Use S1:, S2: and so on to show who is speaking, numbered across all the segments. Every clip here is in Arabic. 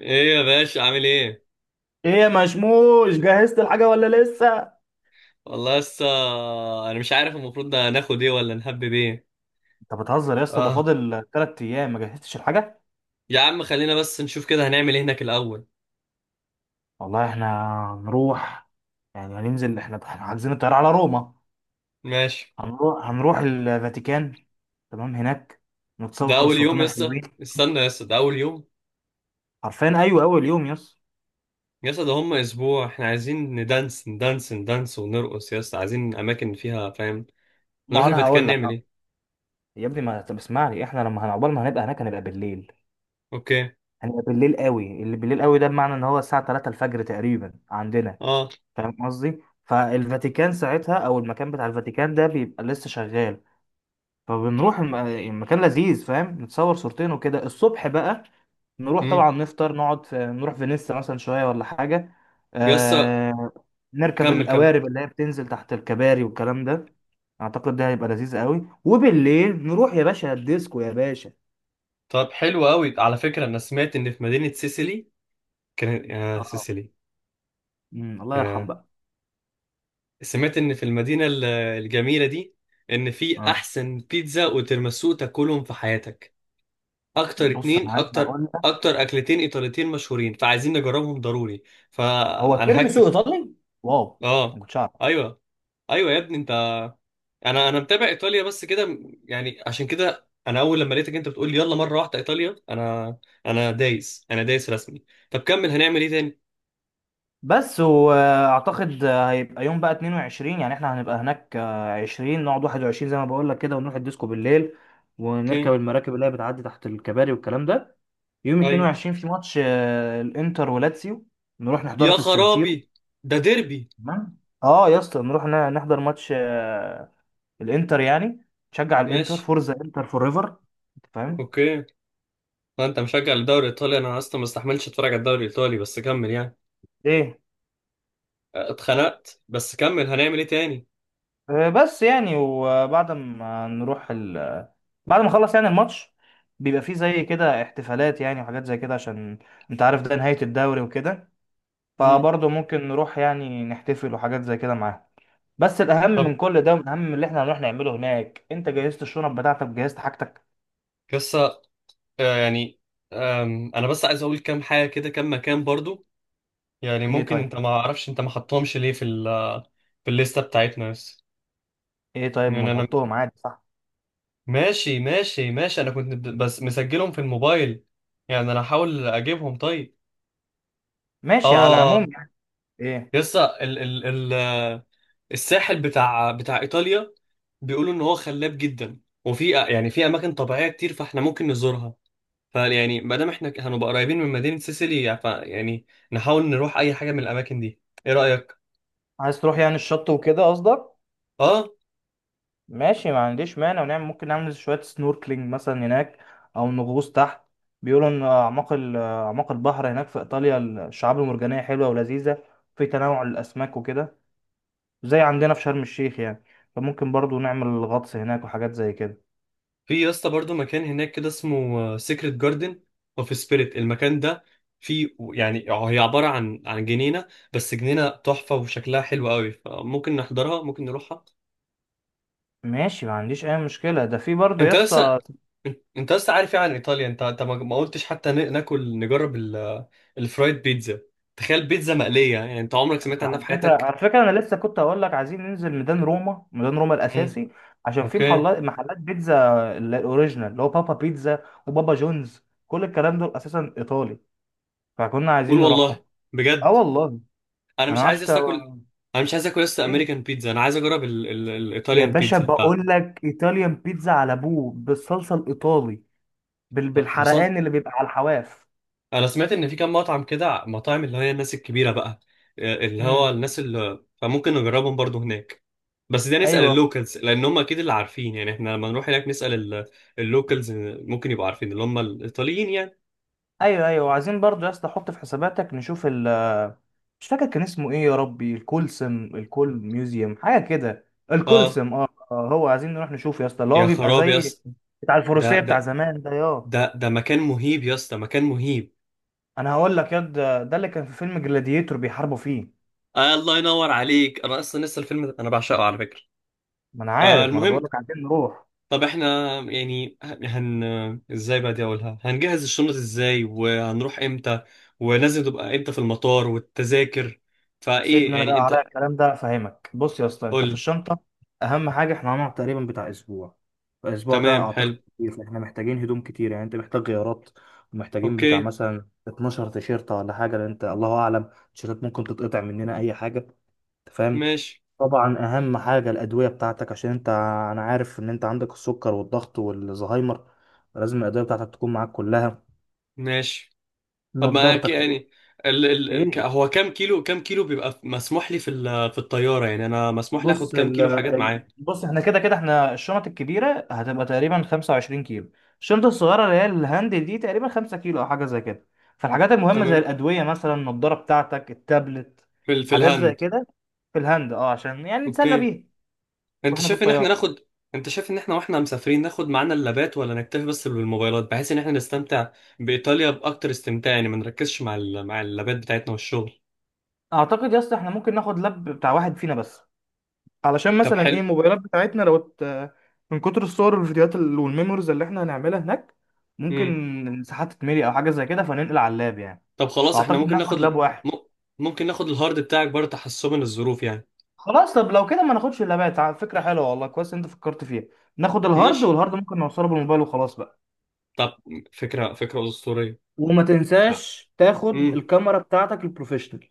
S1: ايه يا باشا عامل ايه؟
S2: ايه يا مشموش، جهزت الحاجة ولا لسه؟
S1: والله لسه. انا مش عارف المفروض ده ناخد ايه ولا نهبب ايه.
S2: انت بتهزر يا اسطى، ده
S1: اه،
S2: فاضل تلات ايام ما جهزتش الحاجه.
S1: يا عم خلينا بس نشوف كده هنعمل ايه هناك الاول.
S2: والله احنا هنروح، يعني هننزل، احنا حاجزين الطياره على روما.
S1: ماشي.
S2: هنروح الفاتيكان، تمام. هناك
S1: ده
S2: نتصور
S1: اول يوم
S2: الصورتين
S1: يسا،
S2: الحلوين.
S1: استنى يسا، ده اول يوم
S2: عارفين، ايوه اول يوم يس.
S1: يسا، ده هم اسبوع احنا عايزين ندانس ندانس ندانس ونرقص يسا، عايزين اماكن فيها فاهم. نروح
S2: ما انا
S1: الفاتيكان
S2: هقول لك
S1: نعمل
S2: آه.
S1: ايه؟
S2: يا ابني، ما طب اسمعني، احنا لما هنعقبال ما هنبقى هناك هنبقى بالليل.
S1: اوكي.
S2: احنا بالليل قوي، اللي بالليل قوي ده بمعنى ان هو الساعه 3 الفجر تقريبا عندنا.
S1: اه.
S2: فاهم قصدي؟ فالفاتيكان ساعتها، او المكان بتاع الفاتيكان ده، بيبقى لسه شغال. فبنروح المكان لذيذ، فاهم، نتصور صورتين وكده. الصبح بقى نروح
S1: امم.
S2: طبعا نفطر، نقعد في، نروح فينيسا مثلا شويه ولا حاجه.
S1: يسا.
S2: آه... نركب
S1: كمل كمل.
S2: القوارب اللي هي بتنزل تحت الكباري والكلام ده. اعتقد ده هيبقى لذيذ قوي، وبالليل نروح يا باشا الديسكو يا باشا.
S1: طب حلو قوي، على فكرة انا سمعت ان في مدينة سيسيلي، كان يا
S2: اه.
S1: سيسيلي.
S2: الله يرحم بقى.
S1: سمعت ان في المدينة الجميلة دي ان في
S2: اه،
S1: احسن بيتزا وتيراميسو تاكلهم في حياتك. اكتر
S2: بص انا
S1: اتنين،
S2: عايز
S1: اكتر
S2: اقول لك،
S1: اكتر اكلتين ايطاليتين مشهورين فعايزين نجربهم ضروري.
S2: هو
S1: فانا
S2: تيرميسو
S1: هكتب.
S2: ايطالي؟ واو، ما
S1: اه.
S2: كنتش اعرف.
S1: ايوه، ايوه يا ابني انت. انا متابع ايطاليا بس كده، يعني عشان كده انا اول لما لقيتك انت بتقول لي يلا مرة واحدة ايطاليا، انا انا دايس، انا دايس رسمي. طب كمل، هنعمل ايه تاني؟
S2: بس واعتقد هيبقى يوم بقى 22، يعني احنا هنبقى هناك 20، نقعد 21 زي ما بقول لك كده ونروح الديسكو بالليل،
S1: اوكي.
S2: ونركب المراكب اللي هي بتعدي تحت الكباري والكلام ده. يوم
S1: طيب.
S2: 22 في ماتش الانتر ولاتسيو، نروح نحضره
S1: يا
S2: في السانسيرو.
S1: خرابي، ده ديربي.
S2: تمام. اه يا اسطى، نروح نحضر ماتش الانتر يعني، نشجع الانتر،
S1: ماشي.
S2: فورزا انتر فور ايفر. انت فاهم.
S1: اوكي. ما انت مشجع للدوري الايطالي، انا اصلا ما استحملتش اتفرج على الدوري الايطالي، بس كمل يعني.
S2: ايه
S1: اه، اتخنقت، بس كمل هنعمل ايه تاني؟
S2: بس يعني، وبعد ما نروح ال... بعد ما نخلص يعني الماتش، بيبقى فيه زي كده احتفالات يعني، وحاجات زي كده، عشان انت عارف ده نهاية الدوري وكده.
S1: امم.
S2: فبرضه ممكن نروح يعني نحتفل وحاجات زي كده معاهم. بس الأهم
S1: طب،
S2: من كل ده، ومن أهم من اللي احنا هنروح نعمله هناك، انت جهزت الشنط بتاعتك؟ جهزت حاجتك؟
S1: قصة. اه، يعني انا بس عايز اقول كام حاجة كده، كام مكان برضو. يعني
S2: ايه،
S1: ممكن
S2: طيب.
S1: انت ما اعرفش انت ما حطهمش ليه في ال في الليستة بتاعتنا بس.
S2: ايه طيب، ما
S1: يعني انا،
S2: نحطهم عادي، صح؟
S1: ماشي ماشي. انا كنت بس مسجلهم في الموبايل، يعني انا هحاول اجيبهم. طيب.
S2: ماشي، على
S1: اه.
S2: العموم يعني. ايه؟
S1: لسه ال الساحل بتاع ايطاليا بيقولوا ان هو خلاب جدا، وفي يعني في اماكن طبيعيه كتير فاحنا ممكن نزورها. فيعني ما دام احنا هنبقى قريبين من مدينه سيسيلي ف يعني نحاول نروح اي حاجه من الاماكن دي. ايه رايك؟
S2: عايز تروح يعني الشط وكده قصدك؟
S1: اه.
S2: ماشي ما عنديش مانع، ونعمل ممكن نعمل شوية سنوركلينج مثلا هناك، أو نغوص تحت. بيقولوا إن أعماق البحر هناك في إيطاليا الشعاب المرجانية حلوة ولذيذة، في تنوع الأسماك وكده، زي عندنا في شرم الشيخ يعني. فممكن برضو نعمل غطس هناك وحاجات زي كده.
S1: في يا اسطى برضو مكان هناك كده اسمه سيكريت جاردن اوف سبيريت، المكان ده في، يعني هي عباره عن جنينه بس جنينه تحفه وشكلها حلو قوي، فممكن نحضرها ممكن نروحها.
S2: ماشي ما عنديش أي مشكلة، ده في برضو يا
S1: انت لسه،
S2: اسطى.
S1: انت لسه عارف ايه عن ايطاليا؟ انت انت ما قلتش حتى ناكل نجرب الفرايد بيتزا. تخيل بيتزا مقليه، يعني انت عمرك سمعت عنها في
S2: على
S1: حياتك؟
S2: على فكرة أنا لسه كنت هقول لك عايزين ننزل ميدان روما، ميدان روما
S1: امم.
S2: الأساسي، عشان في
S1: اوكي.
S2: محلات بيتزا، الأوريجينال اللي هو بابا بيتزا وبابا جونز، كل الكلام دول أساسا إيطالي، فكنا
S1: قول
S2: عايزين
S1: والله.
S2: نروحهم. أه
S1: بجد.
S2: والله.
S1: انا
S2: أنا
S1: مش
S2: معرفش
S1: عايز لسه اكل. انا مش عايز اكل لسه
S2: إيه.
S1: امريكان بيتزا، انا عايز اجرب
S2: يا
S1: الايطاليان
S2: باشا
S1: بيتزا.
S2: بقول لك إيطاليان بيتزا على أبوه بالصلصة الإيطالي،
S1: ف-
S2: بالحرقان اللي بيبقى على الحواف.
S1: انا سمعت ان في كام مطعم كده مطاعم اللي هي الناس الكبيره بقى، اللي هو
S2: امم.
S1: الناس اللي فممكن نجربهم برضو هناك. بس ده نسال
S2: أيوه،
S1: اللوكالز، لان هم اكيد اللي عارفين، يعني احنا لما نروح هناك نسال اللوكالز ممكن يبقوا عارفين اللي هم الايطاليين يعني.
S2: أيوه وعايزين برضو يا اسطى حط في حساباتك، نشوف، مش فاكر كان اسمه ايه يا ربي، الكولسم، الكول ميوزيوم، حاجه كده،
S1: اه.
S2: الكولسم، اه هو عايزين نروح نشوفه يا اسطى، اللي هو
S1: يا
S2: بيبقى
S1: خراب يا
S2: زي
S1: اسطى،
S2: بتاع
S1: ده
S2: الفروسيه بتاع
S1: ده
S2: زمان ده، يا
S1: ده مكان مهيب يا اسطى، مكان مهيب.
S2: انا هقول لك يا ده, ده اللي كان في فيلم جلاديتور بيحاربوا فيه.
S1: آه، الله ينور عليك، انا اصلا لسه الفيلم ده انا بعشقه على فكره.
S2: ما انا
S1: آه،
S2: عارف، ما انا
S1: المهم،
S2: بقول لك عايزين نروح.
S1: طب احنا يعني هن، ازاي بقى دي اقولها، هنجهز الشنط ازاي وهنروح امتى ولازم تبقى امتى في المطار والتذاكر، فايه
S2: سيبني انا بقى
S1: يعني
S2: على
S1: انت؟
S2: الكلام ده افهمك، بص يا اسطى، انت في
S1: قول.
S2: الشنطه اهم حاجه، احنا هنقعد تقريبا بتاع اسبوع، الاسبوع ده
S1: تمام
S2: اعتقد
S1: حلو.
S2: كتير، فاحنا محتاجين هدوم كتير، يعني انت محتاج غيارات، ومحتاجين بتاع
S1: اوكي.
S2: مثلا 12 تيشيرت ولا حاجه، لان انت الله اعلم التيشيرتات ممكن تتقطع مننا اي حاجه. انت فاهم.
S1: ماشي.
S2: طبعا اهم حاجه الادويه بتاعتك، عشان انت، انا عارف ان انت عندك السكر والضغط والزهايمر، لازم الادويه بتاعتك تكون معاك كلها.
S1: ماشي. طب ما
S2: نضارتك تجيب.
S1: يعني
S2: ايه،
S1: هو كام كيلو، كام كيلو بيبقى مسموح لي في في الطيارة؟ يعني انا مسموح لي اخد كام كيلو حاجات معايا؟
S2: بص احنا كده احنا الشنط الكبيره هتبقى تقريبا 25 كيلو، الشنطه الصغيره اللي هي الهاند دي تقريبا 5 كيلو او حاجه زي كده. فالحاجات المهمه زي
S1: تمام.
S2: الادويه مثلا، النضاره بتاعتك، التابلت،
S1: في في
S2: حاجات زي
S1: الهند.
S2: كده في الهاند، اه، عشان يعني
S1: اوكي.
S2: نتسلى بيها
S1: انت
S2: واحنا في
S1: شايف ان احنا
S2: الطياره.
S1: ناخد، انت شايف ان احنا واحنا مسافرين ناخد معانا اللابات ولا نكتفي بس بالموبايلات بحيث ان احنا نستمتع بايطاليا باكتر استمتاع، يعني ما نركزش مع مع اللابات بتاعتنا والشغل.
S2: اعتقد يا اسطى احنا ممكن ناخد لاب بتاع واحد فينا بس، علشان
S1: طب
S2: مثلا
S1: حلو.
S2: ايه، الموبايلات بتاعتنا لو من كتر الصور والفيديوهات والميموريز اللي احنا هنعملها هناك،
S1: امم.
S2: ممكن الساحات تتملي او حاجه زي كده، فننقل على اللاب يعني.
S1: طب خلاص، احنا
S2: فاعتقد
S1: ممكن ناخد،
S2: ناخد لاب واحد.
S1: م... ممكن ناخد الهارد بتاعك برضه تحسبا للظروف يعني.
S2: خلاص، طب لو كده ما ناخدش اللابات، فكرة حلوة والله، كويس انت فكرت فيها. ناخد الهارد،
S1: ماشي.
S2: والهارد ممكن نوصله بالموبايل وخلاص بقى.
S1: طب، فكرة، فكرة أسطورية.
S2: وما تنساش تاخد
S1: امم.
S2: الكاميرا بتاعتك البروفيشنال،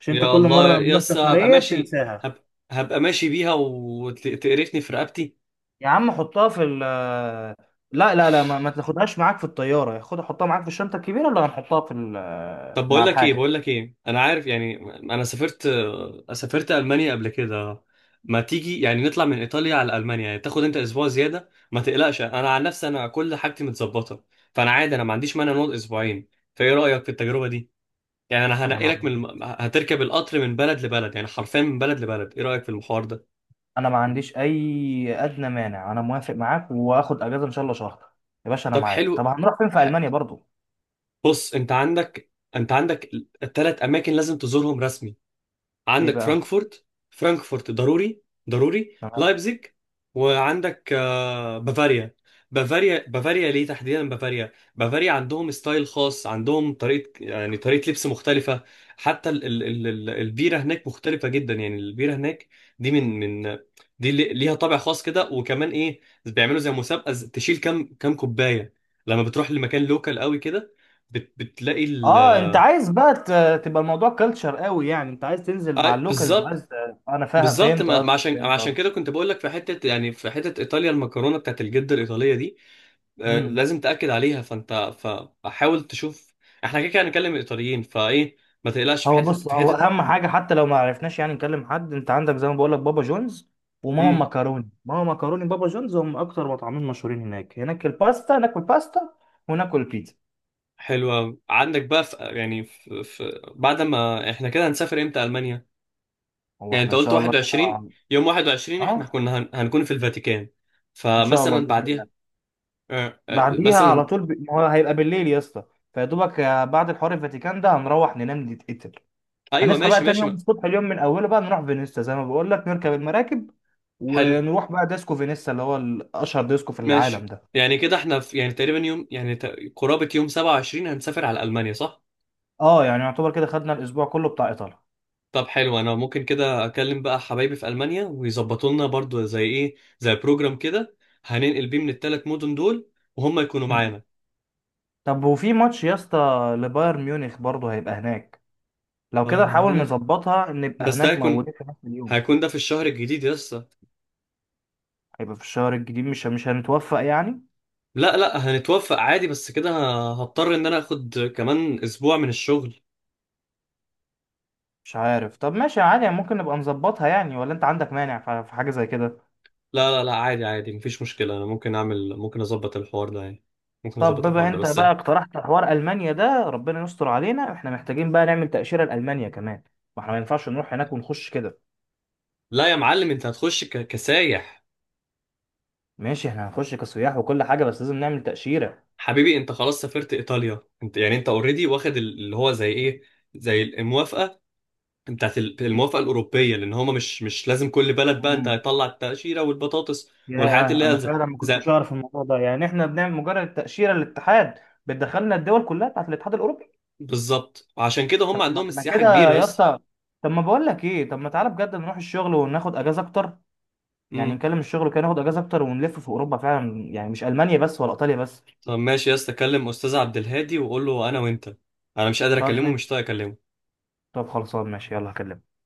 S2: عشان انت
S1: يا
S2: كل
S1: الله
S2: مرة بنروح
S1: يس، هبقى
S2: سفرية
S1: ماشي،
S2: بتنساها.
S1: هب... هبقى ماشي بيها وتقرفني في رقبتي.
S2: يا عم حطها في ال لا لا لا، ما تاخدهاش معاك في الطيارة، خد حطها معاك في الشنطة الكبيرة، ولا هنحطها في
S1: طب
S2: مع
S1: بقول لك ايه،
S2: الحاجة.
S1: بقول لك ايه، انا عارف يعني انا سافرت، سافرت المانيا قبل كده. ما تيجي يعني نطلع من ايطاليا على المانيا، يعني تاخد انت اسبوع زياده، ما تقلقش انا عن نفسي انا كل حاجتي متظبطه، فانا عادي انا ما عنديش مانع نقعد اسبوعين. فايه رايك في التجربه دي؟ يعني انا
S2: انا
S1: هنقلك
S2: ما
S1: من هتركب القطر من بلد لبلد، يعني حرفيا من بلد لبلد. ايه رايك في الحوار ده؟
S2: انا ما عنديش اي ادنى مانع، انا موافق معاك، واخد اجازة ان شاء الله شهر. يا باشا انا
S1: طب
S2: معاك، طب
S1: حلو.
S2: هنروح فين في
S1: ح-
S2: المانيا برضو؟
S1: بص، انت عندك ثلاث اماكن لازم تزورهم رسمي.
S2: ايه
S1: عندك
S2: بقى؟
S1: فرانكفورت، فرانكفورت ضروري، ضروري لايبزيج، وعندك بافاريا. بافاريا، بافاريا ليه تحديدا؟ بافاريا، بافاريا عندهم ستايل خاص، عندهم طريقة يعني طريقة لبس مختلفة. حتى ال البيرة هناك مختلفة جدا، يعني البيرة هناك دي من دي ليها طابع خاص كده. وكمان ايه، بيعملوا زي مسابقة تشيل كام كوباية، لما بتروح لمكان لوكال قوي كده بتلاقي ال.
S2: اه، انت عايز بقى تبقى الموضوع كلتشر قوي يعني، انت عايز تنزل مع اللوكالز
S1: بالظبط.
S2: وعايز انا فاهم،
S1: بالظبط،
S2: فهمت
S1: ما
S2: قصدك،
S1: عشان، ما
S2: فهمت
S1: عشان
S2: قصدك.
S1: كده كنت بقول لك في حته، يعني في حته ايطاليا المكرونه بتاعت الجده الايطاليه دي،
S2: مم.
S1: لازم تاكد عليها، فانت فحاول تشوف. احنا كده كده هنتكلم الايطاليين، فايه ما تقلقش، في
S2: هو
S1: حته
S2: بص،
S1: في
S2: هو
S1: حته
S2: اهم حاجه حتى لو ما عرفناش يعني نكلم حد، انت عندك زي ما بقول لك بابا جونز وماما
S1: امم.
S2: مكروني، ماما مكروني بابا جونز هم اكتر مطعمين مشهورين هناك، هناك الباستا، ناكل باستا وناكل بيتزا.
S1: حلوه أوي. عندك بقى في يعني في في بعد ما احنا كده هنسافر امتى المانيا؟
S2: هو
S1: يعني
S2: احنا
S1: انت
S2: ان
S1: قلت
S2: شاء الله كده
S1: 21، يوم 21 احنا
S2: اه،
S1: كنا هن... هنكون في الفاتيكان،
S2: ان شاء الله
S1: فمثلا
S2: باذن
S1: بعديها،
S2: الله. بعديها على
S1: مثلا.
S2: طول ما هو هيبقى بالليل يا اسطى، فيا دوبك بعد الحوار الفاتيكان ده هنروح ننام نتقتل.
S1: ايوه
S2: هنصحى بقى
S1: ماشي
S2: تاني
S1: ماشي.
S2: يوم الصبح، اليوم من اوله بقى نروح فينيسا زي ما بقول لك، نركب المراكب،
S1: حلو.
S2: ونروح بقى ديسكو فينيسا اللي هو اشهر ديسكو في العالم
S1: ماشي
S2: ده.
S1: يعني كده احنا في يعني تقريبا يوم، يعني قرابة يوم 27 هنسافر على ألمانيا، صح؟
S2: اه يعني، يعتبر كده خدنا الاسبوع كله بتاع ايطاليا.
S1: طب حلو، انا ممكن كده اكلم بقى حبايبي في ألمانيا ويظبطوا لنا برضو زي ايه زي بروجرام كده هننقل بيه من الثلاث مدن دول وهم يكونوا
S2: مم.
S1: معانا.
S2: طب وفي ماتش يا اسطى لبايرن ميونخ برضه هيبقى هناك، لو كده
S1: بايرن
S2: نحاول
S1: ميونخ،
S2: نظبطها ان نبقى
S1: بس ده
S2: هناك
S1: هيكون،
S2: موجودين في نفس اليوم.
S1: هيكون ده في الشهر الجديد يسا.
S2: هيبقى في الشهر الجديد، مش هنتوفق يعني؟
S1: لا لا، هنتوفق عادي، بس كده هضطر ان انا اخد كمان اسبوع من الشغل.
S2: مش عارف، طب ماشي عادي يعني، ممكن نبقى نظبطها يعني، ولا انت عندك مانع في حاجة زي كده؟
S1: لا لا لا، عادي عادي، مفيش مشكلة، انا ممكن اعمل، ممكن اظبط الحوار ده يعني، ممكن
S2: طب
S1: اظبط الحوار
S2: بما
S1: ده
S2: انت
S1: بس.
S2: بقى اقترحت حوار المانيا ده، ربنا يستر علينا، احنا محتاجين بقى نعمل تاشيره لالمانيا كمان، ما احنا ما ينفعش نروح هناك ونخش كده.
S1: لا يا معلم، انت هتخش كسايح.
S2: ماشي، احنا هنخش كسياح وكل حاجه، بس لازم نعمل تاشيره.
S1: حبيبي انت خلاص سافرت ايطاليا، انت يعني انت اوريدي واخد اللي هو زي ايه، زي الموافقه بتاعت الموافقه الاوروبيه، لان هما مش لازم كل بلد، بقى انت
S2: امم،
S1: هتطلع التاشيره والبطاطس
S2: يا
S1: والحاجات اللي
S2: انا
S1: هي
S2: فعلا ما كنتش
S1: زي.
S2: اعرف الموضوع ده، يعني احنا بنعمل مجرد تاشيره للاتحاد بتدخلنا الدول كلها بتاعت الاتحاد الاوروبي.
S1: بالظبط، وعشان كده
S2: طب
S1: هم
S2: ما
S1: عندهم
S2: احنا
S1: السياحه
S2: كده
S1: كبيره
S2: يا
S1: بس.
S2: اسطى، طب ما بقول لك ايه، طب ما تعالى بجد نروح الشغل وناخد اجازه اكتر، يعني
S1: امم.
S2: نكلم الشغل كده ناخد اجازه اكتر، ونلف في اوروبا فعلا يعني، مش المانيا بس ولا ايطاليا بس.
S1: طب ماشي يا اسطى، كلم استاذ عبد الهادي وقول له انا وانت، انا مش قادر
S2: طب
S1: اكلمه، مش
S2: ماشي.
S1: طايق اكلمه.
S2: طب خلصان، ماشي، يلا هكلمك.